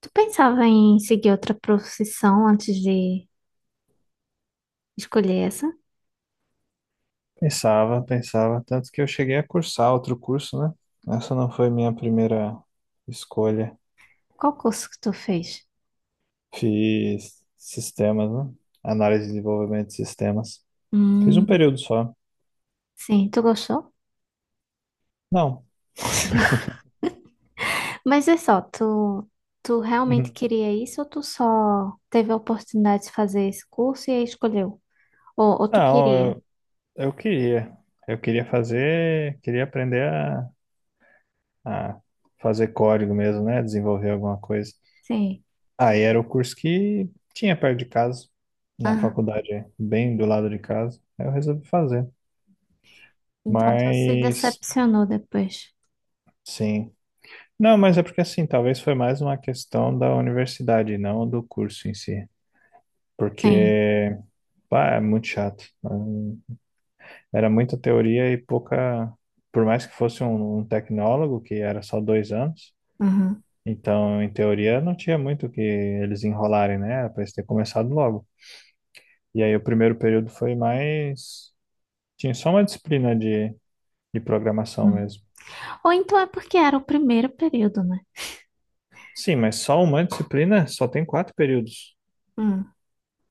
Tu pensava em seguir outra profissão antes de escolher essa? Pensava, pensava, tanto que eu cheguei a cursar outro curso, né? Essa não foi minha primeira escolha. Qual curso que tu fez? Fiz sistemas, né? Análise e desenvolvimento de sistemas. Fiz um Hum, período só. sim, tu gostou? Não. Mas é só, tu realmente Uhum. queria isso ou tu só teve a oportunidade de fazer esse curso e aí escolheu? Ou tu Não, queria? Eu queria. Eu queria fazer, queria aprender a fazer código mesmo, né? Desenvolver alguma coisa. Sim. Aí era o curso que tinha perto de casa, na Ah, faculdade, bem do lado de casa. Aí eu resolvi fazer. então tu se Mas. decepcionou depois. Sim. Não, mas é porque assim, talvez foi mais uma questão da universidade, não do curso em si. Sim. Porque, pá, é muito chato, né? Era muita teoria e pouca. Por mais que fosse um tecnólogo, que era só dois anos, Uhum. então, em teoria, não tinha muito o que eles enrolarem, né? Era pra eles ter começado logo. E aí, o primeiro período foi mais. Tinha só uma disciplina de programação Uhum. mesmo. Ou então é porque era o primeiro período, né? Sim, mas só uma disciplina só tem quatro períodos. Hum.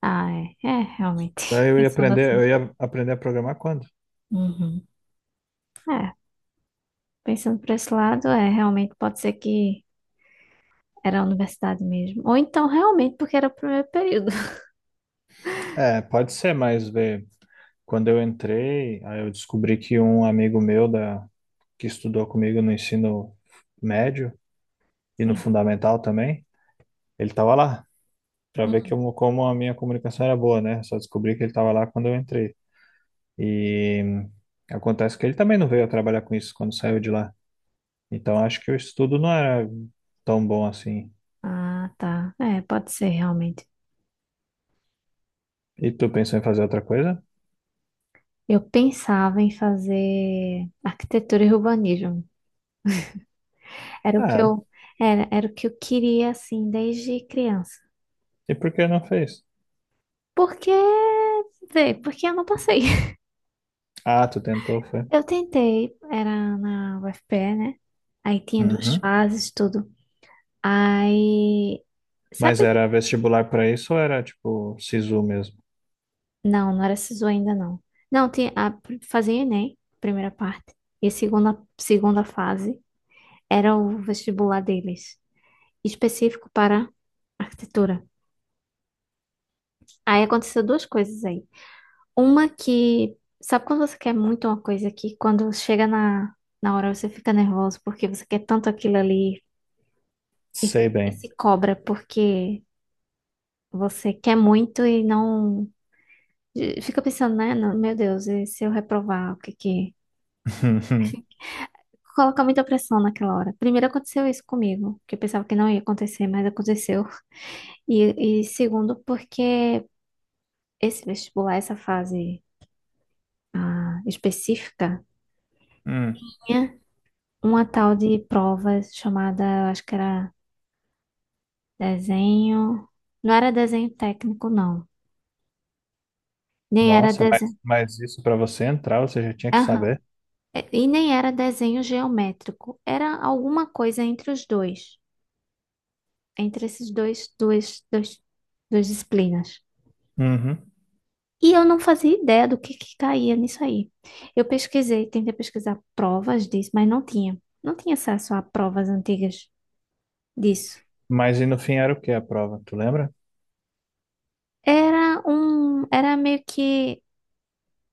Ah, é. É, realmente. Daí Pensando eu assim. ia aprender a programar quando? Uhum. É. Pensando por esse lado, é, realmente pode ser que era a universidade mesmo. Ou então, realmente, porque era o primeiro período. É, pode ser, mas vê, quando eu entrei, aí eu descobri que um amigo meu da, que estudou comigo no ensino médio e no Sim. fundamental também, ele estava lá, para ver que Hum. eu- como a minha comunicação era boa, né? Só descobri que ele estava lá quando eu entrei. E acontece que ele também não veio a trabalhar com isso quando saiu de lá. Então acho que o estudo não era tão bom assim. Ah, tá. É, pode ser, realmente. E tu pensou em fazer outra coisa? Eu pensava em fazer arquitetura e urbanismo. Era o que Ah, era, era o que eu queria, assim, desde criança. e por que não fez? Porque, vê, porque eu não passei. Ah, tu tentou, foi. Eu tentei, era na UFPE, né? Aí tinha duas Uhum. fases, tudo. Aí, Mas sabe. era vestibular para isso ou era tipo SISU mesmo? Não, não era SISU ainda não. Não, tinha, a, fazia Enem, primeira parte. E a segunda, segunda fase era o vestibular deles, específico para arquitetura. Aí aconteceu duas coisas aí. Uma que, sabe quando você quer muito uma coisa que quando chega na hora você fica nervoso porque você quer tanto aquilo ali Sei e bem. se cobra porque você quer muito e não. Fica pensando, né? Não, Meu Deus, e se eu reprovar, o que que, colocar muita pressão naquela hora. Primeiro aconteceu isso comigo, que eu pensava que não ia acontecer, mas aconteceu. E segundo, porque esse vestibular, essa fase, ah, específica, Hum. tinha uma tal de prova chamada, eu acho que era desenho. Não era desenho técnico, não. Nem era Nossa, mas, desenho. mas isso para você entrar, você já tinha que Aham. saber. É, e nem era desenho geométrico. Era alguma coisa entre os dois, entre esses dois, duas disciplinas. Uhum. E eu não fazia ideia do que caía nisso aí. Eu pesquisei, tentei pesquisar provas disso, mas não tinha. Não tinha acesso a provas antigas disso. Mas e no fim era o que a prova, tu lembra? Era era meio que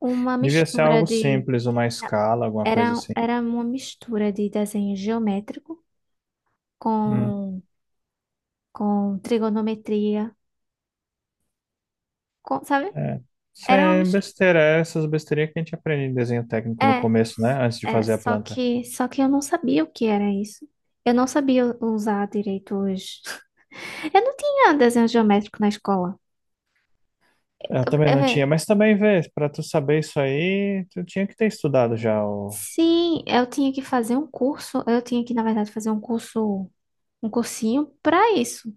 uma Devia ser algo simples, uma escala, alguma coisa era, assim. era uma mistura de desenho geométrico Hum. com, com trigonometria, com, sabe? É. Isso Era uma é mistura. besteira, é essas besteirinhas que a gente aprende em desenho técnico no É, começo, né? Antes de é, fazer a planta. Só que eu não sabia o que era isso. Eu não sabia usar direito os. Eu não tinha desenho geométrico na escola. Eu também É, não tinha, vé, mas também vê, para tu saber isso aí, tu tinha que ter estudado já o. sim, eu tinha que fazer um curso, eu tinha que, na verdade, fazer um curso, um cursinho pra isso,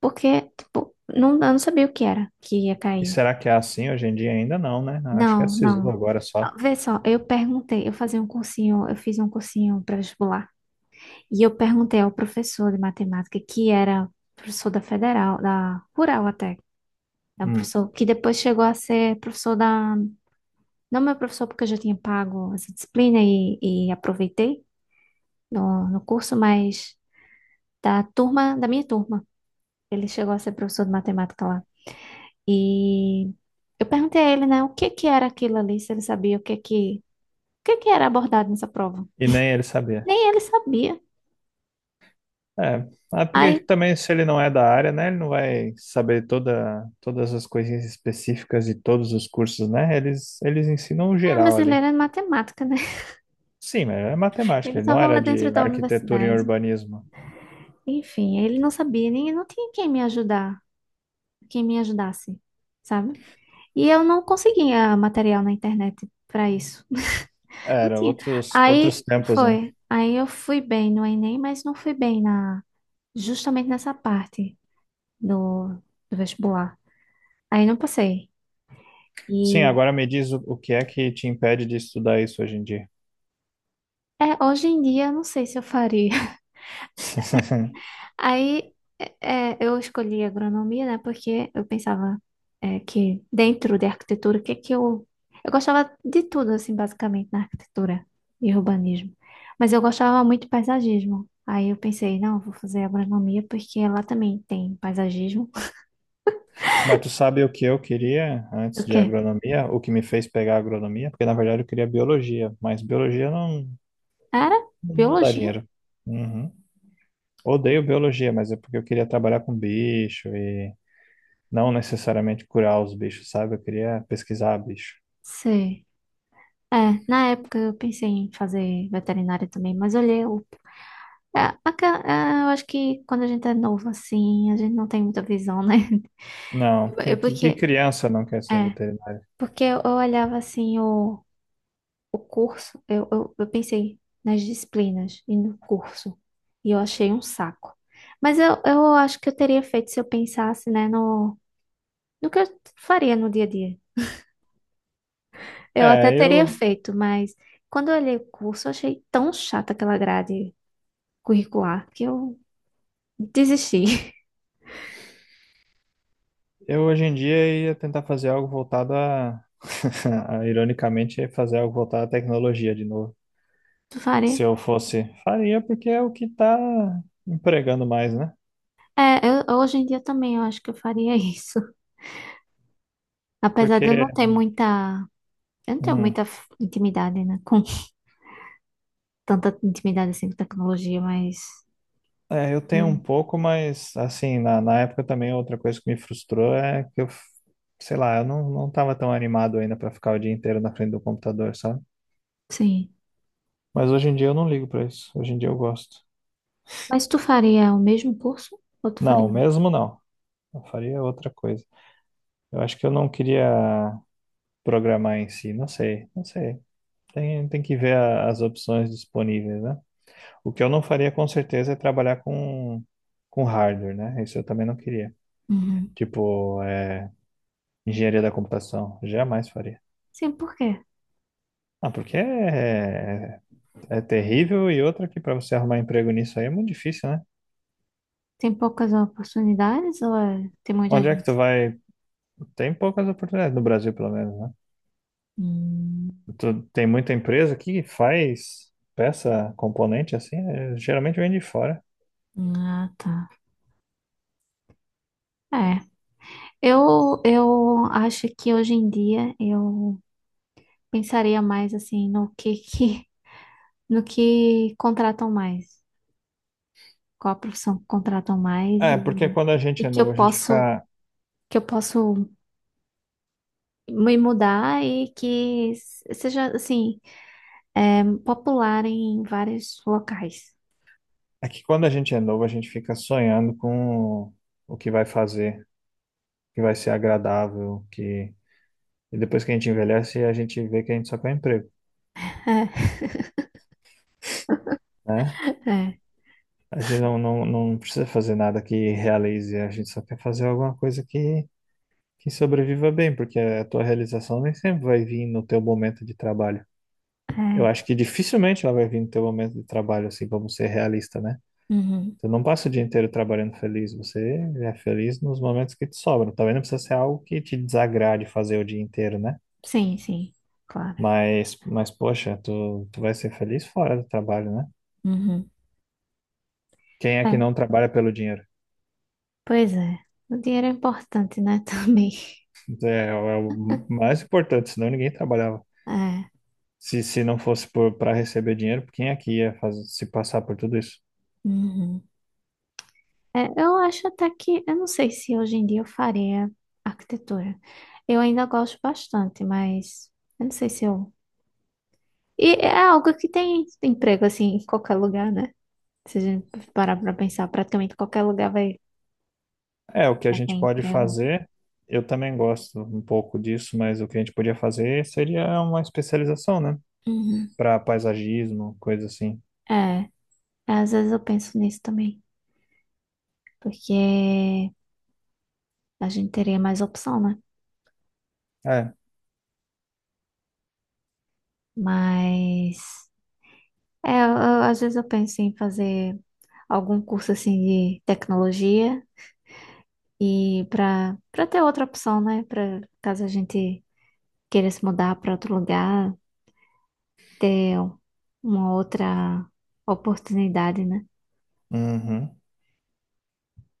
porque, tipo, não, eu não sabia o que era que ia E cair. será que é assim hoje em dia? Ainda não, né? Acho que é Não, SISU não. agora só. Vê só, eu perguntei, eu fazia um cursinho, eu fiz um cursinho pré-vestibular, e eu perguntei ao professor de matemática, que era professor da Federal, da Rural até, é um Hum. professor que depois chegou a ser professor da, não meu professor porque eu já tinha pago essa e aproveitei no curso, mas da turma, da minha turma. Ele chegou a ser professor de matemática lá. E eu perguntei a ele, né, o que que era aquilo ali, se ele sabia o que que era abordado nessa prova. E nem ele sabia. Nem ele sabia. É, ah, porque Aí, também se ele não é da área, né? Ele não vai saber toda, todas as coisinhas específicas de todos os cursos, né? Eles ensinam o é, geral mas ele ali. era de matemática, né? Sim, mas é Ele matemática, ele não estava lá era dentro de da arquitetura e universidade. urbanismo. Enfim, ele não sabia, nem não tinha quem me ajudar, quem me ajudasse, sabe? E eu não conseguia material na internet para isso. Não Era tinha. outros, outros Aí tempos, né? foi. Aí eu fui bem no Enem, mas não fui bem na justamente nessa parte do, do vestibular. Aí não passei. Sim, E agora me diz o que é que te impede de estudar isso hoje em dia. é, hoje em dia eu não sei se eu faria. Aí eu escolhi agronomia, né? Porque eu pensava é, que dentro de arquitetura, o que é que eu. Eu gostava de tudo, assim, basicamente, na arquitetura e urbanismo. Mas eu gostava muito de paisagismo. Aí eu pensei, não, eu vou fazer agronomia porque lá também tem paisagismo. Mas tu sabe o que eu queria O antes de quê? agronomia? O que me fez pegar agronomia? Porque na verdade eu queria biologia, mas biologia não, Era não dá biologia? dinheiro. Uhum. Odeio biologia, mas é porque eu queria trabalhar com bicho e não necessariamente curar os bichos, sabe? Eu queria pesquisar bicho. Sei. É, na época eu pensei em fazer veterinária também, mas olhei o. É, aca- é, eu acho que quando a gente é novo assim, a gente não tem muita visão, né? Não, que, Eu, que, que criança não quer ser é, veterinário? porque eu olhava assim o curso, eu pensei nas disciplinas e no curso, e eu achei um saco. Mas eu acho que eu teria feito se eu pensasse, né, no que eu faria no dia a dia. Eu até É, teria eu, feito, mas quando eu olhei o curso, eu achei tão chata aquela grade curricular que eu desistir. eu hoje em dia ia tentar fazer algo voltado a. a, ironicamente, ia fazer algo voltado à tecnologia de novo. Faria. Se eu fosse, faria porque é o que tá empregando mais, né? É, eu- hoje em dia também eu acho que eu faria isso. Apesar de eu Porque, não ter muita. Eu não tenho hum, muita f- intimidade, né? Com tanta intimidade assim com tecnologia, mas. Eu tenho um Eu- pouco, mas assim, na época também outra coisa que me frustrou é que eu, sei lá, eu não, não tava tão animado ainda pra ficar o dia inteiro na frente do computador, sabe? sim. Mas hoje em dia eu não ligo pra isso. Hoje em dia eu gosto. Mas tu faria o mesmo curso? Ou tu Não, faria outro? mesmo não. Eu faria outra coisa. Eu acho que eu não queria programar em si, não sei, não sei. Tem, tem que ver a- as opções disponíveis, né? O que eu não faria com certeza é trabalhar com hardware, né? Isso eu também não queria. Uhum. Tipo, é, engenharia da computação, jamais faria. Sim, por quê? Ah, porque é, é é terrível e outra que para você arrumar emprego nisso aí é muito difícil, né? Tem poucas oportunidades ou é- tem muita Onde é que tu gente? vai? Tem poucas oportunidades no Brasil, pelo menos, né? Hum, Tu, tem muita empresa que faz peça, componente assim, né? Geralmente vem de fora. ah, tá. É. Eu acho que hoje em dia eu pensaria mais assim no que que. No que contratam mais, qual a profissão que contratam mais É, porque quando a e gente é novo, a gente fica. que eu posso me mudar e que s- seja assim é, popular em vários locais. É que quando a gente é novo, a gente fica sonhando com o que vai fazer. Que vai ser agradável, que e depois que a gente envelhece, a gente vê que a gente só quer emprego, né? É, é, A gente não precisa fazer nada que realize, a gente só quer fazer alguma coisa que sobreviva bem, porque a tua realização nem sempre vai vir no teu momento de trabalho. Eu é. acho que dificilmente ela vai vir no teu momento de trabalho, assim, vamos ser realista, né? Uhum. Você não passa o dia inteiro trabalhando feliz, você é feliz nos momentos que te sobram. Também não precisa ser algo que te desagrade fazer o dia inteiro, né? Sim, sim, claro. Mas poxa, tu vai ser feliz fora do trabalho, né? Uhum. Quem é É, que não trabalha pelo dinheiro? pois é, o dinheiro é importante, né? Também. É, o é o mais importante, senão ninguém trabalhava. É. Se não fosse por, para receber dinheiro, quem é que ia fazer, se passar por tudo isso? Uhum. É, eu acho até que, eu não sei se hoje em dia eu faria arquitetura. Eu ainda gosto bastante, mas eu não sei se eu. E é algo que tem emprego assim em qualquer lugar, né? Se a gente parar pra pensar, praticamente qualquer lugar vai, É, o que a vai ter gente pode emprego. fazer, eu também gosto um pouco disso, mas o que a gente podia fazer seria uma especialização, né? Uhum. Para paisagismo, coisa assim. É, às vezes eu penso nisso também, porque a gente teria mais opção, né? É, Mas é, eu- às vezes eu penso em fazer algum curso assim de tecnologia. E para para ter outra opção, né? Para caso a gente queira se mudar para outro lugar, ter uma outra oportunidade, né? uhum.